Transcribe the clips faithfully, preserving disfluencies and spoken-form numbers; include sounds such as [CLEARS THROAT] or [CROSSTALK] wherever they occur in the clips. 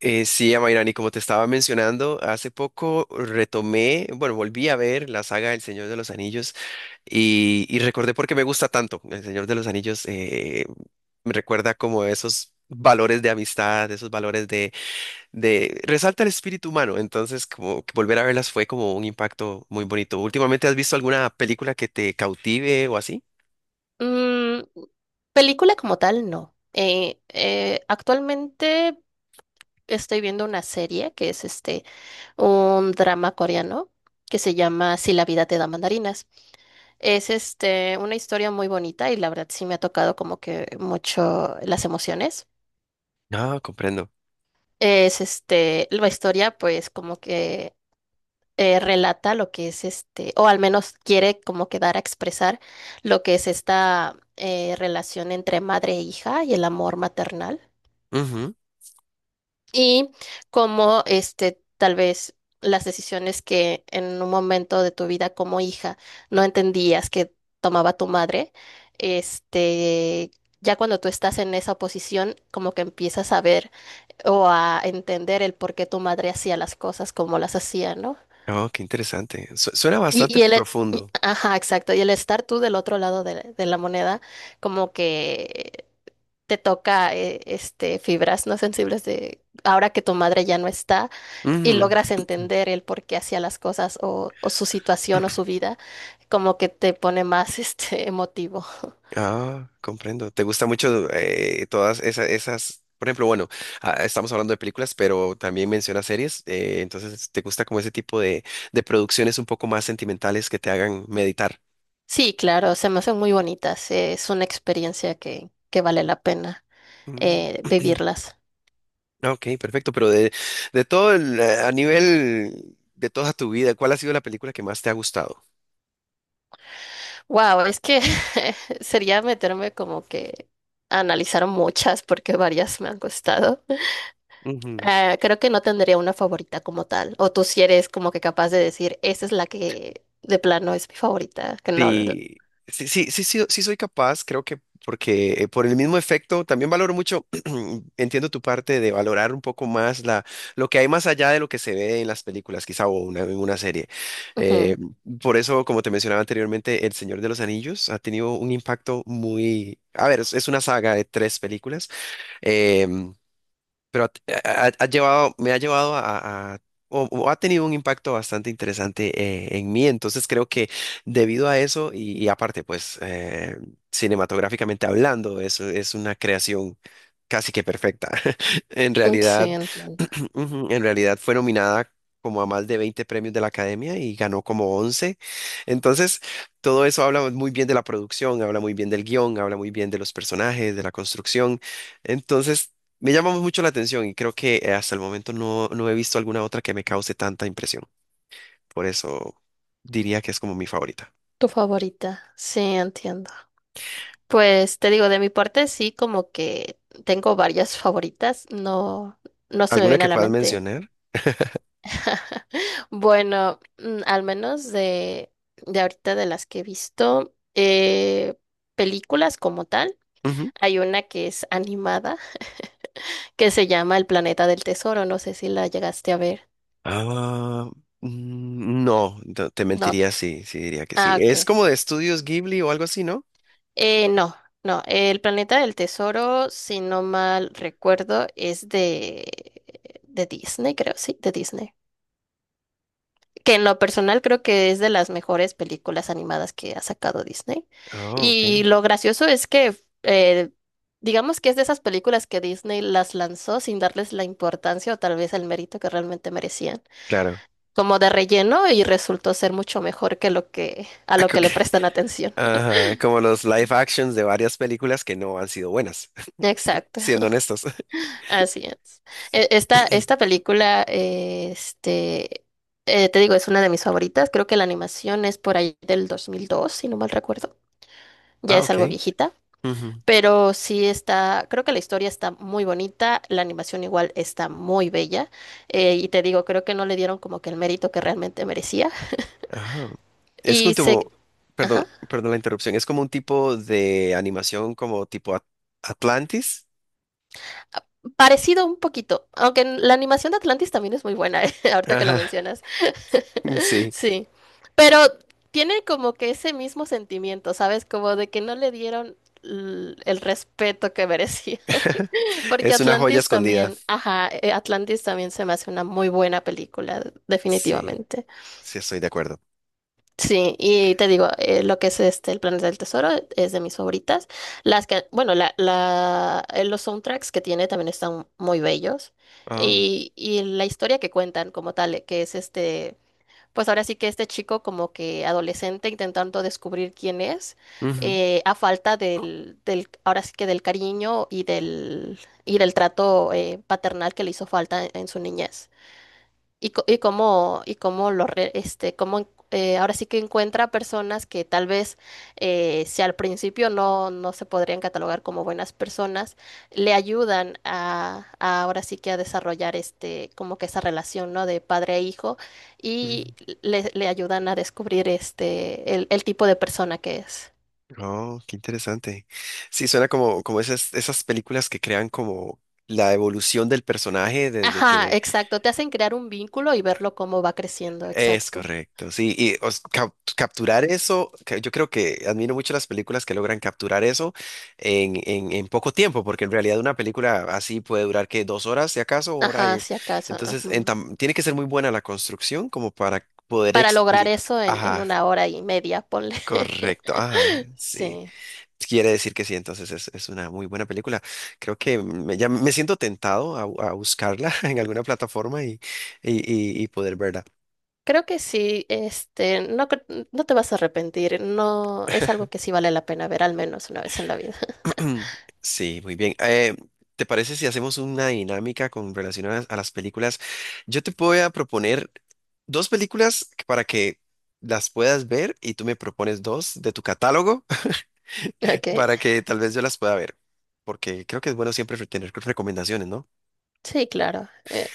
Eh, sí, Amairani, como te estaba mencionando, hace poco retomé, bueno, volví a ver la saga El Señor de los Anillos y, y recordé por qué me gusta tanto. El Señor de los Anillos eh, me recuerda como esos valores de amistad, esos valores de, de... Resalta el espíritu humano, entonces como que volver a verlas fue como un impacto muy bonito. ¿Últimamente has visto alguna película que te cautive o así? Mm, Película como tal, no. Eh, eh, actualmente estoy viendo una serie que es este un drama coreano que se llama Si la vida te da mandarinas. Es este una historia muy bonita, y la verdad sí me ha tocado como que mucho las emociones. Ah, comprendo. Es este la historia, pues como que eh, relata lo que es este o al menos quiere como que dar a expresar lo que es esta eh, relación entre madre e hija y el amor maternal. Ujú. Y cómo este tal vez las decisiones que en un momento de tu vida como hija no entendías que tomaba tu madre, este ya cuando tú estás en esa posición como que empiezas a ver o a entender el por qué tu madre hacía las cosas como las hacía, ¿no? Oh, qué interesante. Su- suena Y, bastante y el e- y- profundo. ajá, exacto. Y el estar tú del otro lado de, la de la moneda, como que te toca eh, este fibras no sensibles de ahora que tu madre ya no está, y Ujú. logras entender el por qué hacía las cosas, o, o su situación o su vida, como que te pone más [LAUGHS] este emotivo. Ah, comprendo. ¿Te gusta mucho eh, todas esas, esas, por ejemplo, bueno, ah, estamos hablando de películas, pero también menciona series, eh, entonces ¿te gusta como ese tipo de, de producciones un poco más sentimentales que te hagan meditar? Sí, claro, se me hacen muy bonitas. Eh, es una experiencia que, que vale la pena Mm. eh, [CLEARS THROAT] vivirlas. Ok, perfecto, pero de, de todo el, eh, a nivel de toda tu vida, ¿cuál ha sido la película que más te ha gustado? Wow, es que [LAUGHS] sería meterme como que a analizar muchas, porque varias me han costado. Eh, creo que no tendría una favorita como tal. O tú, si eres como que capaz de decir, esa es la que de plano es mi favorita, que no. la- Sí, sí, sí, sí, sí, sí soy capaz, creo que porque eh, por el mismo efecto también valoro mucho, [CLEARS THROAT] entiendo tu parte de valorar un poco más la, lo que hay más allá de lo que se ve en las películas, quizá o una, en una serie. Eh, Ujú. por eso, como te mencionaba anteriormente, El Señor de los Anillos ha tenido un impacto muy... A ver, es, es una saga de tres películas. em, pero ha, ha- ha llevado, me ha llevado a, a- o, o ha tenido un impacto bastante interesante eh, en mí. Entonces creo que debido a eso y, y aparte, pues eh, cinematográficamente hablando, eso es una creación casi que perfecta. [LAUGHS] En Sí, realidad, entiendo. [CLEARS THROAT] ujú, en realidad fue nominada como a más de veinte premios de la Academia y ganó como once. Entonces, todo eso habla muy bien de la producción, habla muy bien del guión, habla muy bien de los personajes, de la construcción. Entonces, me llama mucho la atención y creo que eh, hasta el momento no, no he visto alguna otra que me cause tanta impresión. Por eso diría que es como mi favorita. Tu favorita, sí, entiendo. Pues te digo, de mi parte sí, como que tengo varias favoritas, no, no se me ¿Alguna viene que a la puedas mente. mencionar? Bueno, mm, al menos de, de ahorita de las que he visto, eh, películas como tal, Ujú. hay una que es animada, que se llama El Planeta del Tesoro. No sé si la llegaste a ver. Ah, mm, no, no, te No. mentiría sí, sí diría que sí. Ah, Es ok. como de estudios Ghibli o algo así, ¿no? Eh, no, no, el Planeta del Tesoro, si no mal recuerdo, es de, de Disney, creo, sí, de Disney. Que en lo personal, creo que es de las mejores películas animadas que ha sacado Disney. Ah, ok. Y lo gracioso es que, eh, digamos que es de esas películas que Disney las lanzó sin darles la importancia o tal vez el mérito que realmente merecían, Claro. como de relleno, y resultó ser mucho mejor que lo que a [LAUGHS] lo que Ok. le prestan atención. Ajá, como los live actions de varias películas que no han sido buenas, [LAUGHS] Exacto. siendo honestos. Así es. E- Esta, esta [LAUGHS] película, eh, este, eh, te digo, es una de mis favoritas. Creo que la animación es por ahí del dos mil dos, si no mal recuerdo. Ya Ah, es algo ok. viejita, pero sí está, creo que la historia está muy bonita, la animación igual está muy bella. Eh, y te digo, creo que no le dieron como que el mérito que realmente merecía. Ajá. Es un Y se... tipo, perdón, ajá. perdón la interrupción, es como un tipo de animación como tipo At- Atlantis. Parecido un poquito, aunque en- la animación de Atlantis también es muy buena, [LAUGHS] eh, ahorita que lo Ajá, mencionas. [LAUGHS] [LAUGHS] sí, Sí, pero tiene como que ese mismo sentimiento, ¿sabes? Como de que no le dieron l- el respeto que merecía. [LAUGHS] [LAUGHS] Porque es una joya Atlantis escondida. también, ajá, eh, Atlantis también se me hace una muy buena película, Sí, definitivamente. sí, estoy de acuerdo. Sí, y te digo, eh, lo que es este El Planeta del Tesoro es de mis favoritas. Las que, bueno, la, la, eh, los soundtracks que tiene también están muy bellos. Oh, Y, y la historia que cuentan como tal, eh, que es este, pues ahora sí que este chico, como que adolescente, intentando descubrir quién es, ujú, eh, a falta del, del, ahora sí que del cariño, y del, y del trato eh, paternal que le hizo falta en en su niñez. Y, co- y cómo, y cómo lo re- este, cómo en- eh, ahora sí que encuentra personas que tal vez eh, si al principio no, no se podrían catalogar como buenas personas, le ayudan a, a ahora sí que a desarrollar este, como que esa relación, ¿no? De padre e hijo, ujú. y le, le ayudan a descubrir este el, el tipo de persona que es. Oh, qué interesante. Sí, suena como, como, esas, esas películas que crean como la evolución del personaje desde Ajá, que. exacto. Te hacen crear un vínculo y verlo cómo va creciendo, Es exacto. correcto, sí, y os- cap- capturar eso, que yo creo que admiro mucho las películas que logran capturar eso en, en, en poco tiempo, porque en realidad una película así puede durar que dos horas, si acaso, hora Ajá, y- si acaso. entonces en Ujú. tam- tiene que ser muy buena la construcción como para poder Para lograr explicar, eso en, en ajá, una hora y media, ponle. correcto, ajá, [LAUGHS] sí, Sí, quiere decir que sí, entonces es, es, una muy buena película, creo que me, ya me siento tentado a, a buscarla [LAUGHS] en alguna plataforma y, y, y y poder verla. creo que sí, este, no, cre- no te vas a arrepentir, no, es algo que sí vale la pena ver al menos una vez en la vida. [CLEARS THROAT] Sí, muy bien. Eh, ¿te parece si hacemos una dinámica con relación a las, a las películas? Yo te voy a proponer dos películas para que las puedas ver y tú me propones dos de tu catálogo. [LAUGHS] [LAUGHS] Ok, Para que tal vez yo las pueda ver, porque creo que es bueno siempre tener recomendaciones, ¿no? [CLEARS THROAT] sí, claro, eh,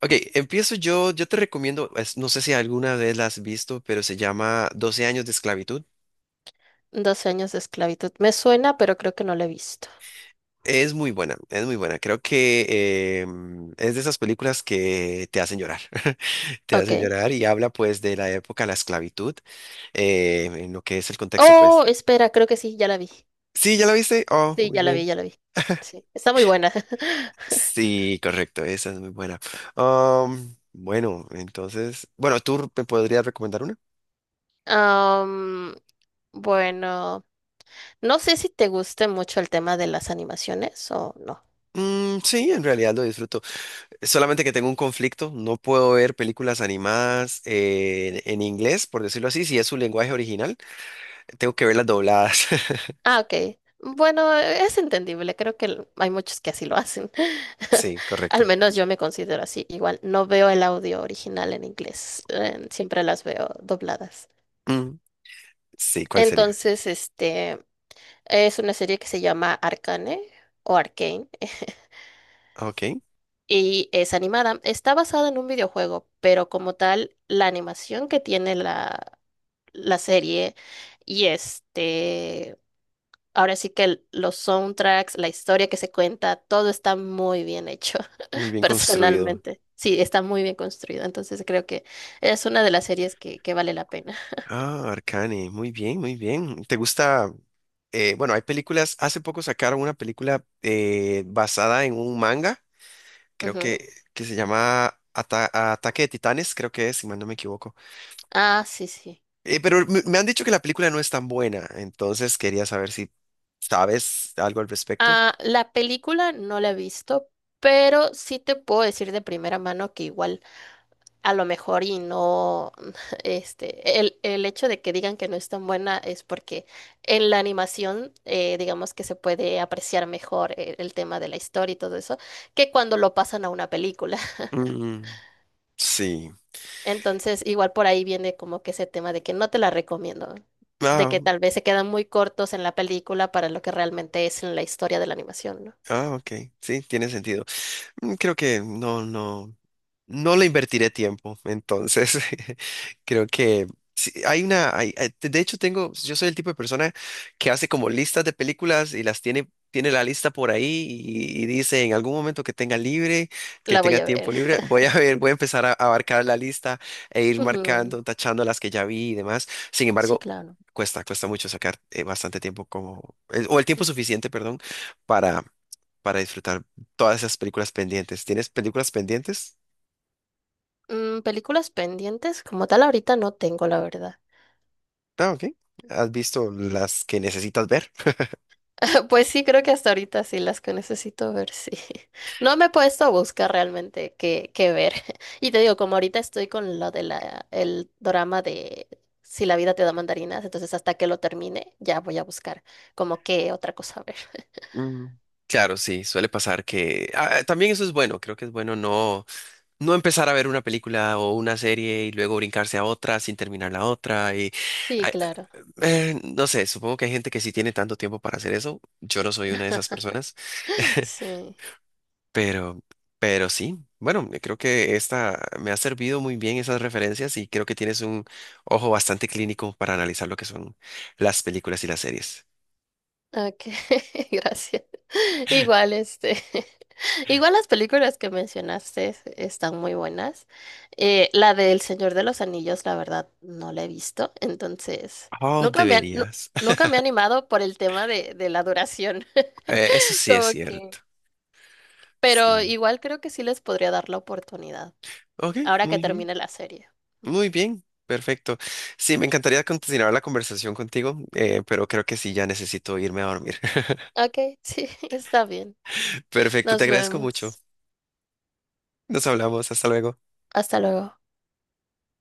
Ok, empiezo yo. Yo te recomiendo, es- no sé si alguna vez la has visto, pero se llama Doce años de esclavitud. doce años de esclavitud, me suena, pero creo que no la he visto. Es muy buena, es muy buena. Creo que em, es de esas películas que te hacen llorar, [LAUGHS] te Ok, hacen llorar y habla pues de la época de la esclavitud, eh, en lo que es el contexto oh, pues. espera, creo que sí, ya la vi, Sí, ¿ya la viste? Oh, sí, muy ya la vi, bien. ya la vi, sí, está muy buena. [LAUGHS] Sí, correcto, esa es muy buena. Am, bueno, entonces, bueno, ¿tú me podrías recomendar una? Am, bueno, no sé si te guste mucho el tema de las animaciones o no. Mm, sí, en realidad lo disfruto. Solamente que tengo un conflicto, no puedo ver películas animadas eh, en, en inglés, por decirlo así, si es su lenguaje original, tengo que verlas dobladas. [LAUGHS] Ah, ok. Bueno, es entendible. Creo que l- hay muchos que así lo hacen. Sí, [LAUGHS] Al correcto. menos yo me considero así. Igual, no veo el audio original en inglés. Eh, siempre las veo dobladas. Mm, sí, ¿cuál sería? Entonces, este es una serie que se llama Arcane o Arcane, eh, Ok, y es animada. Está basada en un videojuego, pero como tal, la animación que tiene la, la serie, y este ahora sí que el- los soundtracks, la historia que se cuenta, todo está muy bien hecho, muy [LAUGHS] bien construido. personalmente. Sí, está muy bien construido. Entonces creo que es una de las series que, que vale la pena. Ah, Arcane, muy bien, muy bien. ¿Te gusta? Eh, bueno, hay películas, hace poco sacaron una película eh, basada en un manga, creo Ujú. que, que se llama Ata- Ataque de Titanes, creo que es, si mal no me equivoco. Ah, sí, sí. Eh, pero me, me han dicho que la película no es tan buena, entonces quería saber si sabes algo al respecto. Ah, la película no la he visto, pero sí te puedo decir de primera mano que igual a lo mejor y no, [LAUGHS] este, el, el hecho de que digan que no es tan buena es porque en la animación, eh, digamos que se puede apreciar mejor el, el tema de la historia y todo eso, que cuando lo pasan a una película. [LAUGHS] Mm, sí. Entonces, igual por ahí viene como que ese tema de que no te la recomiendo, de Ah, que tal vez se quedan muy cortos en la película para lo que realmente es en la historia de la animación, ¿no? ah, ok. Sí, tiene sentido. Mm. Creo que no, no. No le invertiré tiempo, entonces [LAUGHS] creo que sí, hay una, hay- hay- de hecho tengo, yo soy el tipo de persona que hace como listas de películas y las tiene, tiene, la lista por ahí y, y dice en algún momento que tenga libre, que La voy tenga a tiempo ver. libre, voy a ver, voy a empezar a abarcar la lista e [LAUGHS] ir Ujú. marcando, tachando las que ya vi y demás. Sin Sí, embargo, claro. cuesta, cuesta mucho sacar eh, bastante tiempo como, el- o el tiempo suficiente, perdón, para, para disfrutar todas esas películas pendientes. ¿Tienes películas pendientes? Mm, películas pendientes, como tal, ahorita no tengo, la verdad. Ah, ok. ¿Has visto las que necesitas ver? [LAUGHS] Pues sí, creo que hasta ahorita sí las que necesito ver, sí. [LAUGHS] No me he puesto a buscar realmente qué, qué ver. [LAUGHS] Y te digo, como ahorita estoy con lo de la, el drama de Si la vida te da mandarinas, entonces hasta que lo termine, ya voy a buscar como qué otra cosa ver. [LAUGHS] Mm, claro, sí, suele pasar que ah, también eso es bueno, creo que es bueno no no empezar a ver una película o una serie y luego brincarse a otra sin terminar la otra y Sí, ay, claro. eh, no sé, supongo que hay gente que sí tiene tanto tiempo para hacer eso, yo no soy una de esas personas, [LAUGHS] [LAUGHS] Sí. pero pero sí, bueno, creo que esta me ha servido muy bien esas referencias y creo que tienes un ojo bastante clínico para analizar lo que son las películas y las series. Ok, [LAUGHS] gracias. Igual, este, [LAUGHS] igual las películas que mencionaste están muy buenas. Eh, la del Señor de los Anillos, la verdad, no la he visto, entonces Oh, nunca me, han- nu- deberías. [LAUGHS] nunca me he animado por el tema de, de la duración. Eh, eso [LAUGHS] sí es Como que, cierto. pero Sí. igual creo que sí les podría dar la oportunidad, Ok, ahora que muy bien. termine la serie. Muy bien. Perfecto. Sí, me encantaría continuar la conversación contigo, eh, pero creo que sí, ya necesito irme a dormir. [LAUGHS] Ok, [LAUGHS] sí, está bien. Perfecto, te Nos agradezco mucho. vemos. Nos hablamos. Hasta luego. Hasta luego.